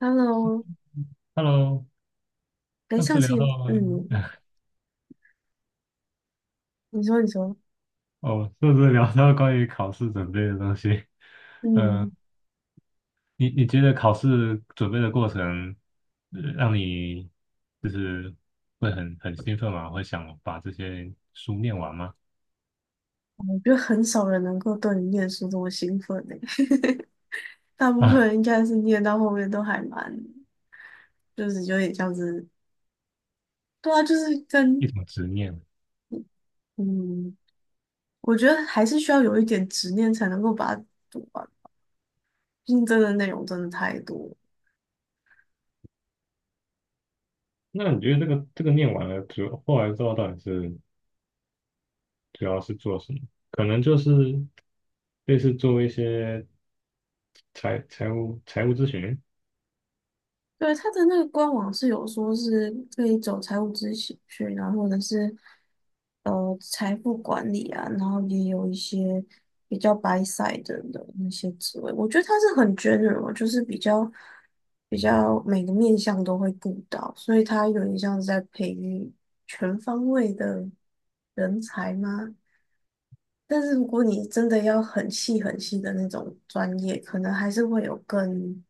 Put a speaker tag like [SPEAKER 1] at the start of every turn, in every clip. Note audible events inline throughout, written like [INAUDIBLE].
[SPEAKER 1] Hello，
[SPEAKER 2] Hello，
[SPEAKER 1] 哎，
[SPEAKER 2] 上次
[SPEAKER 1] 上
[SPEAKER 2] 聊
[SPEAKER 1] 次
[SPEAKER 2] 到
[SPEAKER 1] 嗯，你说，
[SPEAKER 2] 哦，上次聊到关于考试准备的东西。
[SPEAKER 1] 嗯，
[SPEAKER 2] 嗯，你觉得考试准备的过程，让你就是会很兴奋吗？会想把这些书念完吗？
[SPEAKER 1] 我觉得很少人能够对你念书这么兴奋的，[LAUGHS] 大部分
[SPEAKER 2] 啊，
[SPEAKER 1] 人应该是念到后面都还蛮，就是有点像是，对啊，就是跟
[SPEAKER 2] 一种执念。
[SPEAKER 1] 嗯，我觉得还是需要有一点执念才能够把它读完，毕竟真的内容真的太多。
[SPEAKER 2] 那你觉得这个念完了之后，后来之后到底是主要是做什么？可能就是类似做一些财务咨询。
[SPEAKER 1] 对，他的那个官网是有说是可以走财务咨询去，然后或者是财富管理啊，然后也有一些比较白 s 的那些职位，我觉得他是很 general，就是比较每个面向都会顾到，所以他有点像是在培育全方位的人才吗？但是如果你真的要很细很细的那种专业，可能还是会有更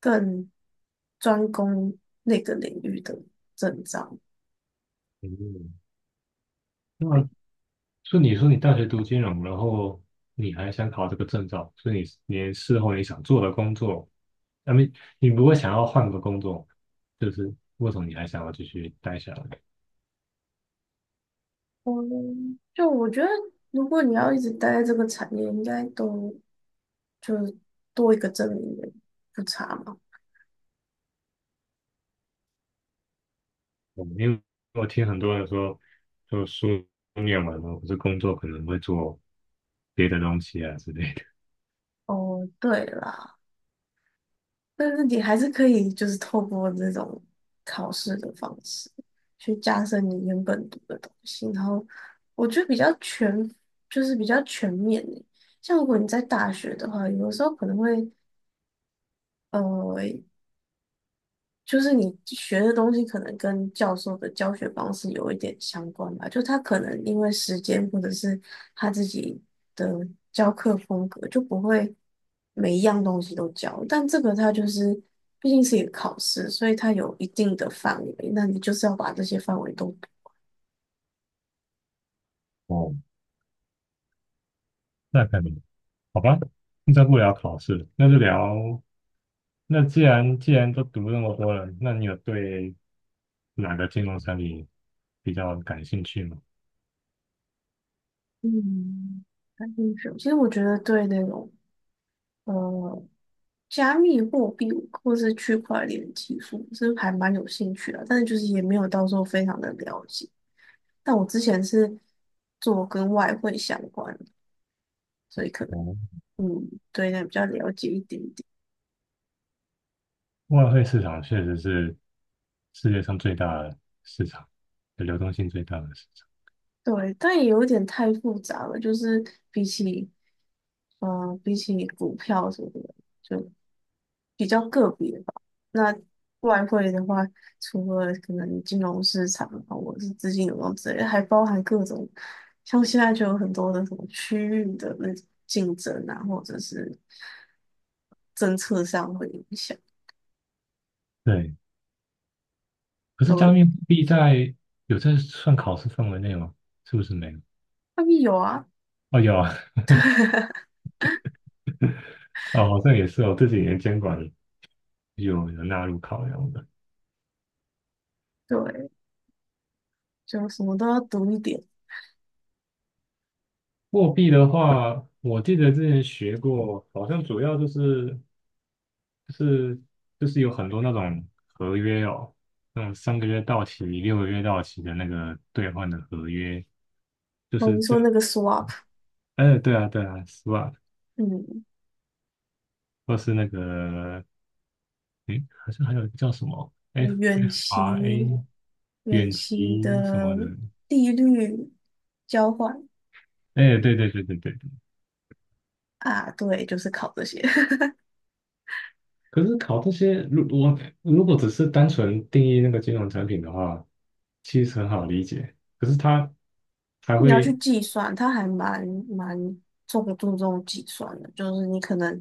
[SPEAKER 1] 更专攻那个领域的证照。
[SPEAKER 2] 嗯。那。所以你说你大学读金融，然后你还想考这个证照，所以你事后你想做的工作，那么你不会想要换个工作，就是为什么你还想要继续待下来？
[SPEAKER 1] 嗯，就我觉得，如果你要一直待在这个产业，应该都就是多一个证明也不差嘛。
[SPEAKER 2] 嗯，因为我听很多人说，就书念完了，或是工作可能会做别的东西啊之类的。
[SPEAKER 1] 哦，对啦。但是你还是可以，就是透过这种考试的方式去加深你原本读的东西，然后我觉得比较全，就是比较全面诶。像如果你在大学的话，有的时候可能会，呃，就是你学的东西可能跟教授的教学方式有一点相关吧，就他可能因为时间或者是他自己的教课风格，就不会每一样东西都教。但这个他就是毕竟是一个考试，所以它有一定的范围，那你就是要把这些范围都读
[SPEAKER 2] 哦，那肯定。好吧，那在不聊考试那就聊。那既然都读那么多了，那你有对哪个金融产品比较感兴趣吗？
[SPEAKER 1] 嗯，感兴趣。其实我觉得对那种呃加密货币或是区块链技术，这还蛮有兴趣的，但是就是也没有到时候非常的了解。但我之前是做跟外汇相关的，所以可能
[SPEAKER 2] 哦，
[SPEAKER 1] 对那比较了解一点点。
[SPEAKER 2] 外汇市场确实是世界上最大的市场，流动性最大的市场。
[SPEAKER 1] 对，但也有点太复杂了，就是比起，嗯、比起股票什么的，就。比较个别吧。那外汇的话，除了可能金融市场啊，或者是资金流动之类的还包含各种，像现在就有很多的什么区域的那种竞争啊，或者是政策上会影响，
[SPEAKER 2] 对，可是
[SPEAKER 1] 都
[SPEAKER 2] 加
[SPEAKER 1] 会
[SPEAKER 2] 密货币在有在算考试范围内吗？是不是没有？
[SPEAKER 1] 外面有啊，
[SPEAKER 2] 哦，有啊。
[SPEAKER 1] [LAUGHS]
[SPEAKER 2] [LAUGHS] 哦，好像也是哦。这几年监管有纳入考量的。
[SPEAKER 1] 对，就什么都要读一点。
[SPEAKER 2] 货币的话，我记得之前学过，好像主要就是就是有很多那种合约哦，那种三个月到期、六个月到期的那个兑换的合约，就
[SPEAKER 1] 哦，
[SPEAKER 2] 是
[SPEAKER 1] 你
[SPEAKER 2] 这
[SPEAKER 1] 说
[SPEAKER 2] 样。
[SPEAKER 1] 那个 swap，
[SPEAKER 2] 哎，对啊，对啊，SWOT，
[SPEAKER 1] 嗯，
[SPEAKER 2] 或是那个，诶，好像还有一个叫什么
[SPEAKER 1] 远期
[SPEAKER 2] FRA，
[SPEAKER 1] 远
[SPEAKER 2] 远
[SPEAKER 1] 期
[SPEAKER 2] 期什么
[SPEAKER 1] 的
[SPEAKER 2] 的，
[SPEAKER 1] 利率交换
[SPEAKER 2] 哎，对对对对对对。
[SPEAKER 1] 啊，对，就是考这些。
[SPEAKER 2] 可是考这些，如果只是单纯定义那个金融产品的话，其实很好理解。可是它还
[SPEAKER 1] 你要去
[SPEAKER 2] 会，
[SPEAKER 1] 计算，它还蛮重注重计算的，就是你可能，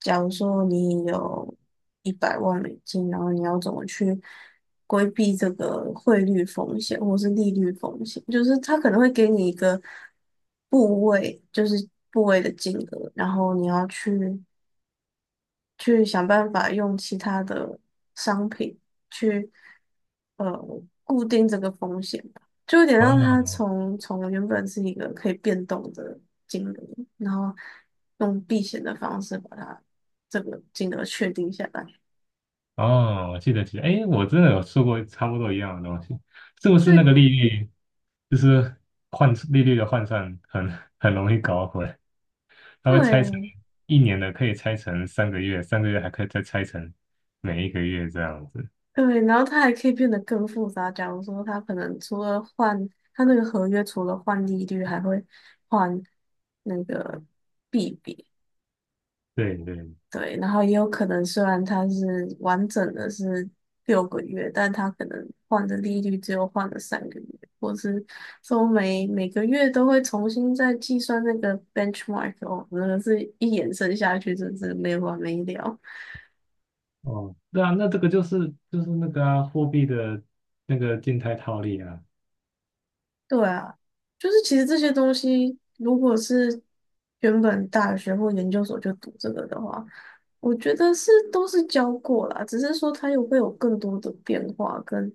[SPEAKER 1] 假如说你有100万美金，然后你要怎么去规避这个汇率风险或是利率风险，就是它可能会给你一个部位，就是部位的金额，然后你要去去想办法用其他的商品去呃固定这个风险吧，就有点让它
[SPEAKER 2] 哦
[SPEAKER 1] 从原本是一个可以变动的金额，然后用避险的方式把它这个金额确定下来。
[SPEAKER 2] 哦，我记得，哎，我真的有说过差不多一样的东西，是不是那个
[SPEAKER 1] 对
[SPEAKER 2] 利率，就是换利率的换算很容易搞混？它会拆成
[SPEAKER 1] 对
[SPEAKER 2] 一年的可以拆成三个月，三个月还可以再拆成每一个月这样子。
[SPEAKER 1] 对，然后它还可以变得更复杂。假如说它可能除了换它那个合约，除了换利率，还会换那个币别。
[SPEAKER 2] 对对，
[SPEAKER 1] 对，然后也有可能，虽然它是完整的是6个月，但它可能换的利率只有换了3个月，或是说每个月都会重新再计算那个 benchmark 哦，那个是一延伸下去，真是没完没了。
[SPEAKER 2] 哦，对啊，那这个就是那个啊，货币的那个静态套利啊。
[SPEAKER 1] 对啊，就是其实这些东西，如果是原本大学或研究所就读这个的话，我觉得是都是教过啦，只是说它有会有更多的变化跟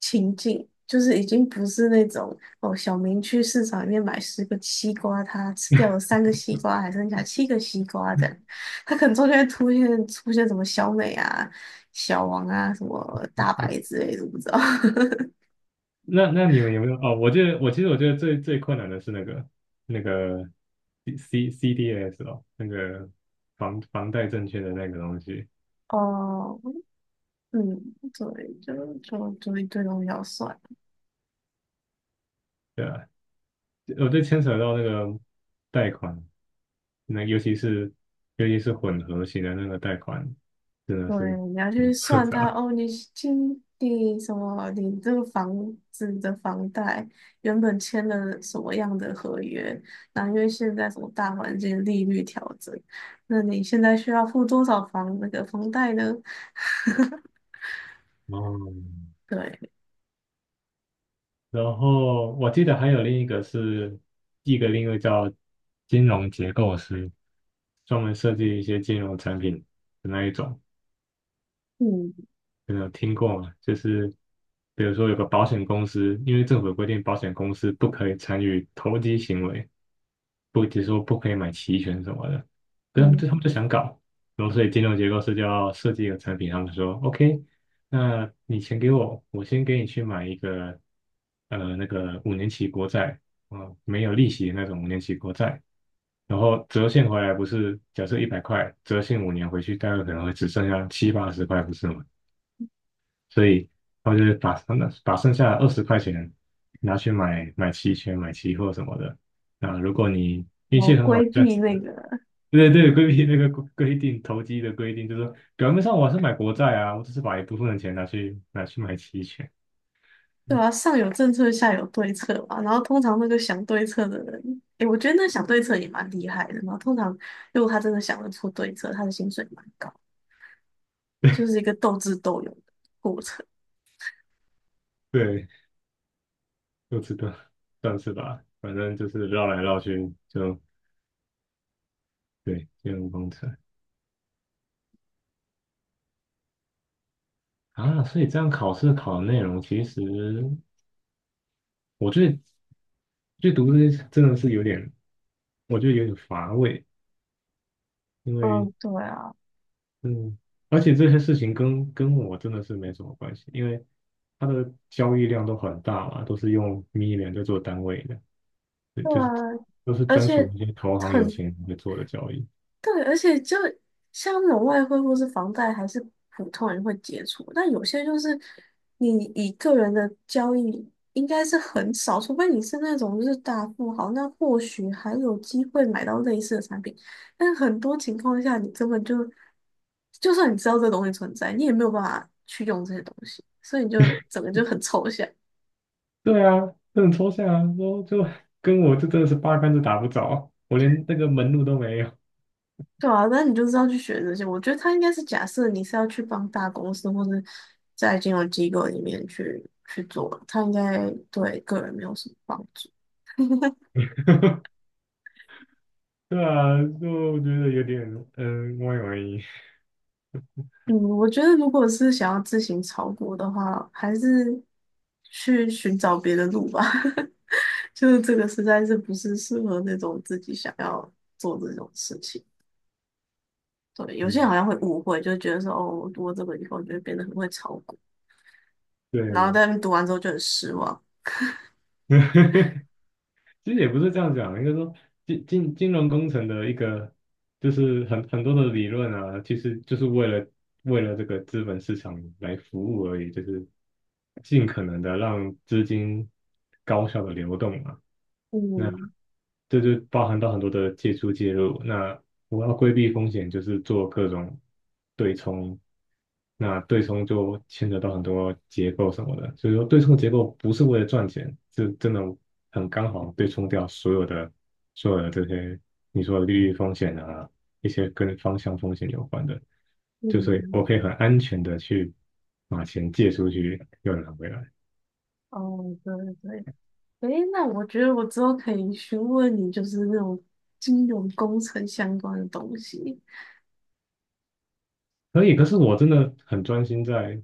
[SPEAKER 1] 情境，就是已经不是那种哦，小明去市场里面买10个西瓜，他吃掉了3个西瓜，还剩下7个西瓜这样，他可能中间出现什么小美啊、小王啊、什么大
[SPEAKER 2] 呃
[SPEAKER 1] 白之类的，我不知道。[LAUGHS]
[SPEAKER 2] 那你们有没有？哦，我其实我觉得最困难的是那个 C CDS 哦，那个房贷证券的那个东西。
[SPEAKER 1] 哦嗯，对，就一堆东西要算，
[SPEAKER 2] 对吧？我就牵扯到那个贷款，那尤其是混合型的那个贷款，真的
[SPEAKER 1] 对，
[SPEAKER 2] 是
[SPEAKER 1] 你要
[SPEAKER 2] 很
[SPEAKER 1] 去
[SPEAKER 2] 复
[SPEAKER 1] 算它
[SPEAKER 2] 杂。
[SPEAKER 1] 哦，你今你什么，你这个房子的房贷原本签了什么样的合约，那因为现在什么大环境利率调整，那你现在需要付多少房那个房贷呢？[LAUGHS]
[SPEAKER 2] 哦，
[SPEAKER 1] 对，
[SPEAKER 2] 然后我记得还有另一个是另一个叫金融结构师，专门设计一些金融产品的那一种。
[SPEAKER 1] 嗯
[SPEAKER 2] 有没有听过吗，就是比如说有个保险公司，因为政府有规定，保险公司不可以参与投机行为。不，只是说不可以买期权什么的。可是他们
[SPEAKER 1] 嗯，
[SPEAKER 2] 就他们就想搞，然后所以金融结构师就要设计一个产品，他们说 OK，那你钱给我，我先给你去买一个那个五年期国债，啊，没有利息的那种五年期国债。然后折现回来不是，假设一百块，折现五年回去，大概可能会只剩下七八十块，不是吗？所以他就会把剩下的二十块钱拿去买期权、买期货什么的。啊，如果你运
[SPEAKER 1] 我
[SPEAKER 2] 气很好，
[SPEAKER 1] 规
[SPEAKER 2] 你赚。
[SPEAKER 1] 避那个。
[SPEAKER 2] 对对对，规避那个规定，投机的规定，就是说表面上我还是买国债啊，我只是把一部分的钱拿去买期权。
[SPEAKER 1] 对啊，上有政策，下有对策嘛。然后通常那个想对策的人，诶，我觉得那想对策也蛮厉害的。然后通常如果他真的想得出对策，他的薪水蛮高，就是一个斗智斗勇的过程。
[SPEAKER 2] 对，就知道，算是吧，反正就是绕来绕去，就对，金融工程啊。所以这样考试考的内容其实我最最就读这些真的是有点，我觉得有点乏味。因为
[SPEAKER 1] 嗯，对啊，
[SPEAKER 2] 嗯，而且这些事情跟我真的是没什么关系，因为它的交易量都很大嘛，都是用 million 在做单位的，对，
[SPEAKER 1] 对啊，
[SPEAKER 2] 就是都是
[SPEAKER 1] 而
[SPEAKER 2] 专属
[SPEAKER 1] 且
[SPEAKER 2] 那些投行有
[SPEAKER 1] 很
[SPEAKER 2] 钱人会做的交易。
[SPEAKER 1] 对，而且就像那种外汇或是房贷，还是普通人会接触，但有些就是你以个人的交易应该是很少，除非你是那种就是大富豪，那或许还有机会买到类似的产品。但很多情况下，你根本就就算你知道这东西存在，你也没有办法去用这些东西，所以你就整个就很抽象。
[SPEAKER 2] 对啊，这很抽象啊，说就跟我这真的是八竿子打不着，我连那个门路都没有。
[SPEAKER 1] 对啊，那你就是要去学这些。我觉得他应该是假设你是要去帮大公司或是在金融机构里面去做，他应该对个人没有什么帮助。
[SPEAKER 2] [LAUGHS] 对啊，就我觉得有点歪歪。
[SPEAKER 1] 嗯，我觉得如果是想要自行炒股的话，还是去寻找别的路吧。[LAUGHS] 就是这个实在是不是适合那种自己想要做这种事情。对，
[SPEAKER 2] [LAUGHS]
[SPEAKER 1] 有些人
[SPEAKER 2] 嗯，
[SPEAKER 1] 好像会误会，就觉得说哦，我读了这个以后就会变得很会炒股，然后
[SPEAKER 2] 对，
[SPEAKER 1] 但读完之后就很失望。
[SPEAKER 2] 其实也不是这样讲，应该说金融工程的一个就是很多的理论啊，其实就是为了这个资本市场来服务而已，就是尽可能的让资金高效的流动嘛。那。
[SPEAKER 1] 嗯
[SPEAKER 2] 这就包含到很多的借出介入。那我要规避风险，就是做各种对冲。那对冲就牵扯到很多结构什么的，所以说对冲结构不是为了赚钱，是真的很刚好对冲掉所有的这些你说的利率风险啊，一些跟方向风险有关的，就是
[SPEAKER 1] 嗯。
[SPEAKER 2] 我可以很安全的去把钱借出去又拿回来。
[SPEAKER 1] 哦，对对，诶，那我觉得我之后可以询问你，就是那种金融工程相关的东西。
[SPEAKER 2] 可以，可是我真的很专心在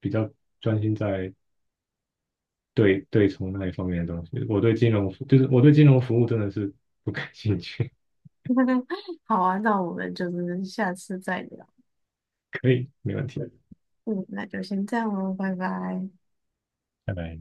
[SPEAKER 2] 比较专心在对从那一方面的东西。我对金融服，就是我对金融服务真的是不感兴趣。
[SPEAKER 1] [LAUGHS] 好啊，那我们就是下次再聊。
[SPEAKER 2] [LAUGHS] 可以，没问题。
[SPEAKER 1] 嗯，那就先这样喽，拜拜。
[SPEAKER 2] 拜拜。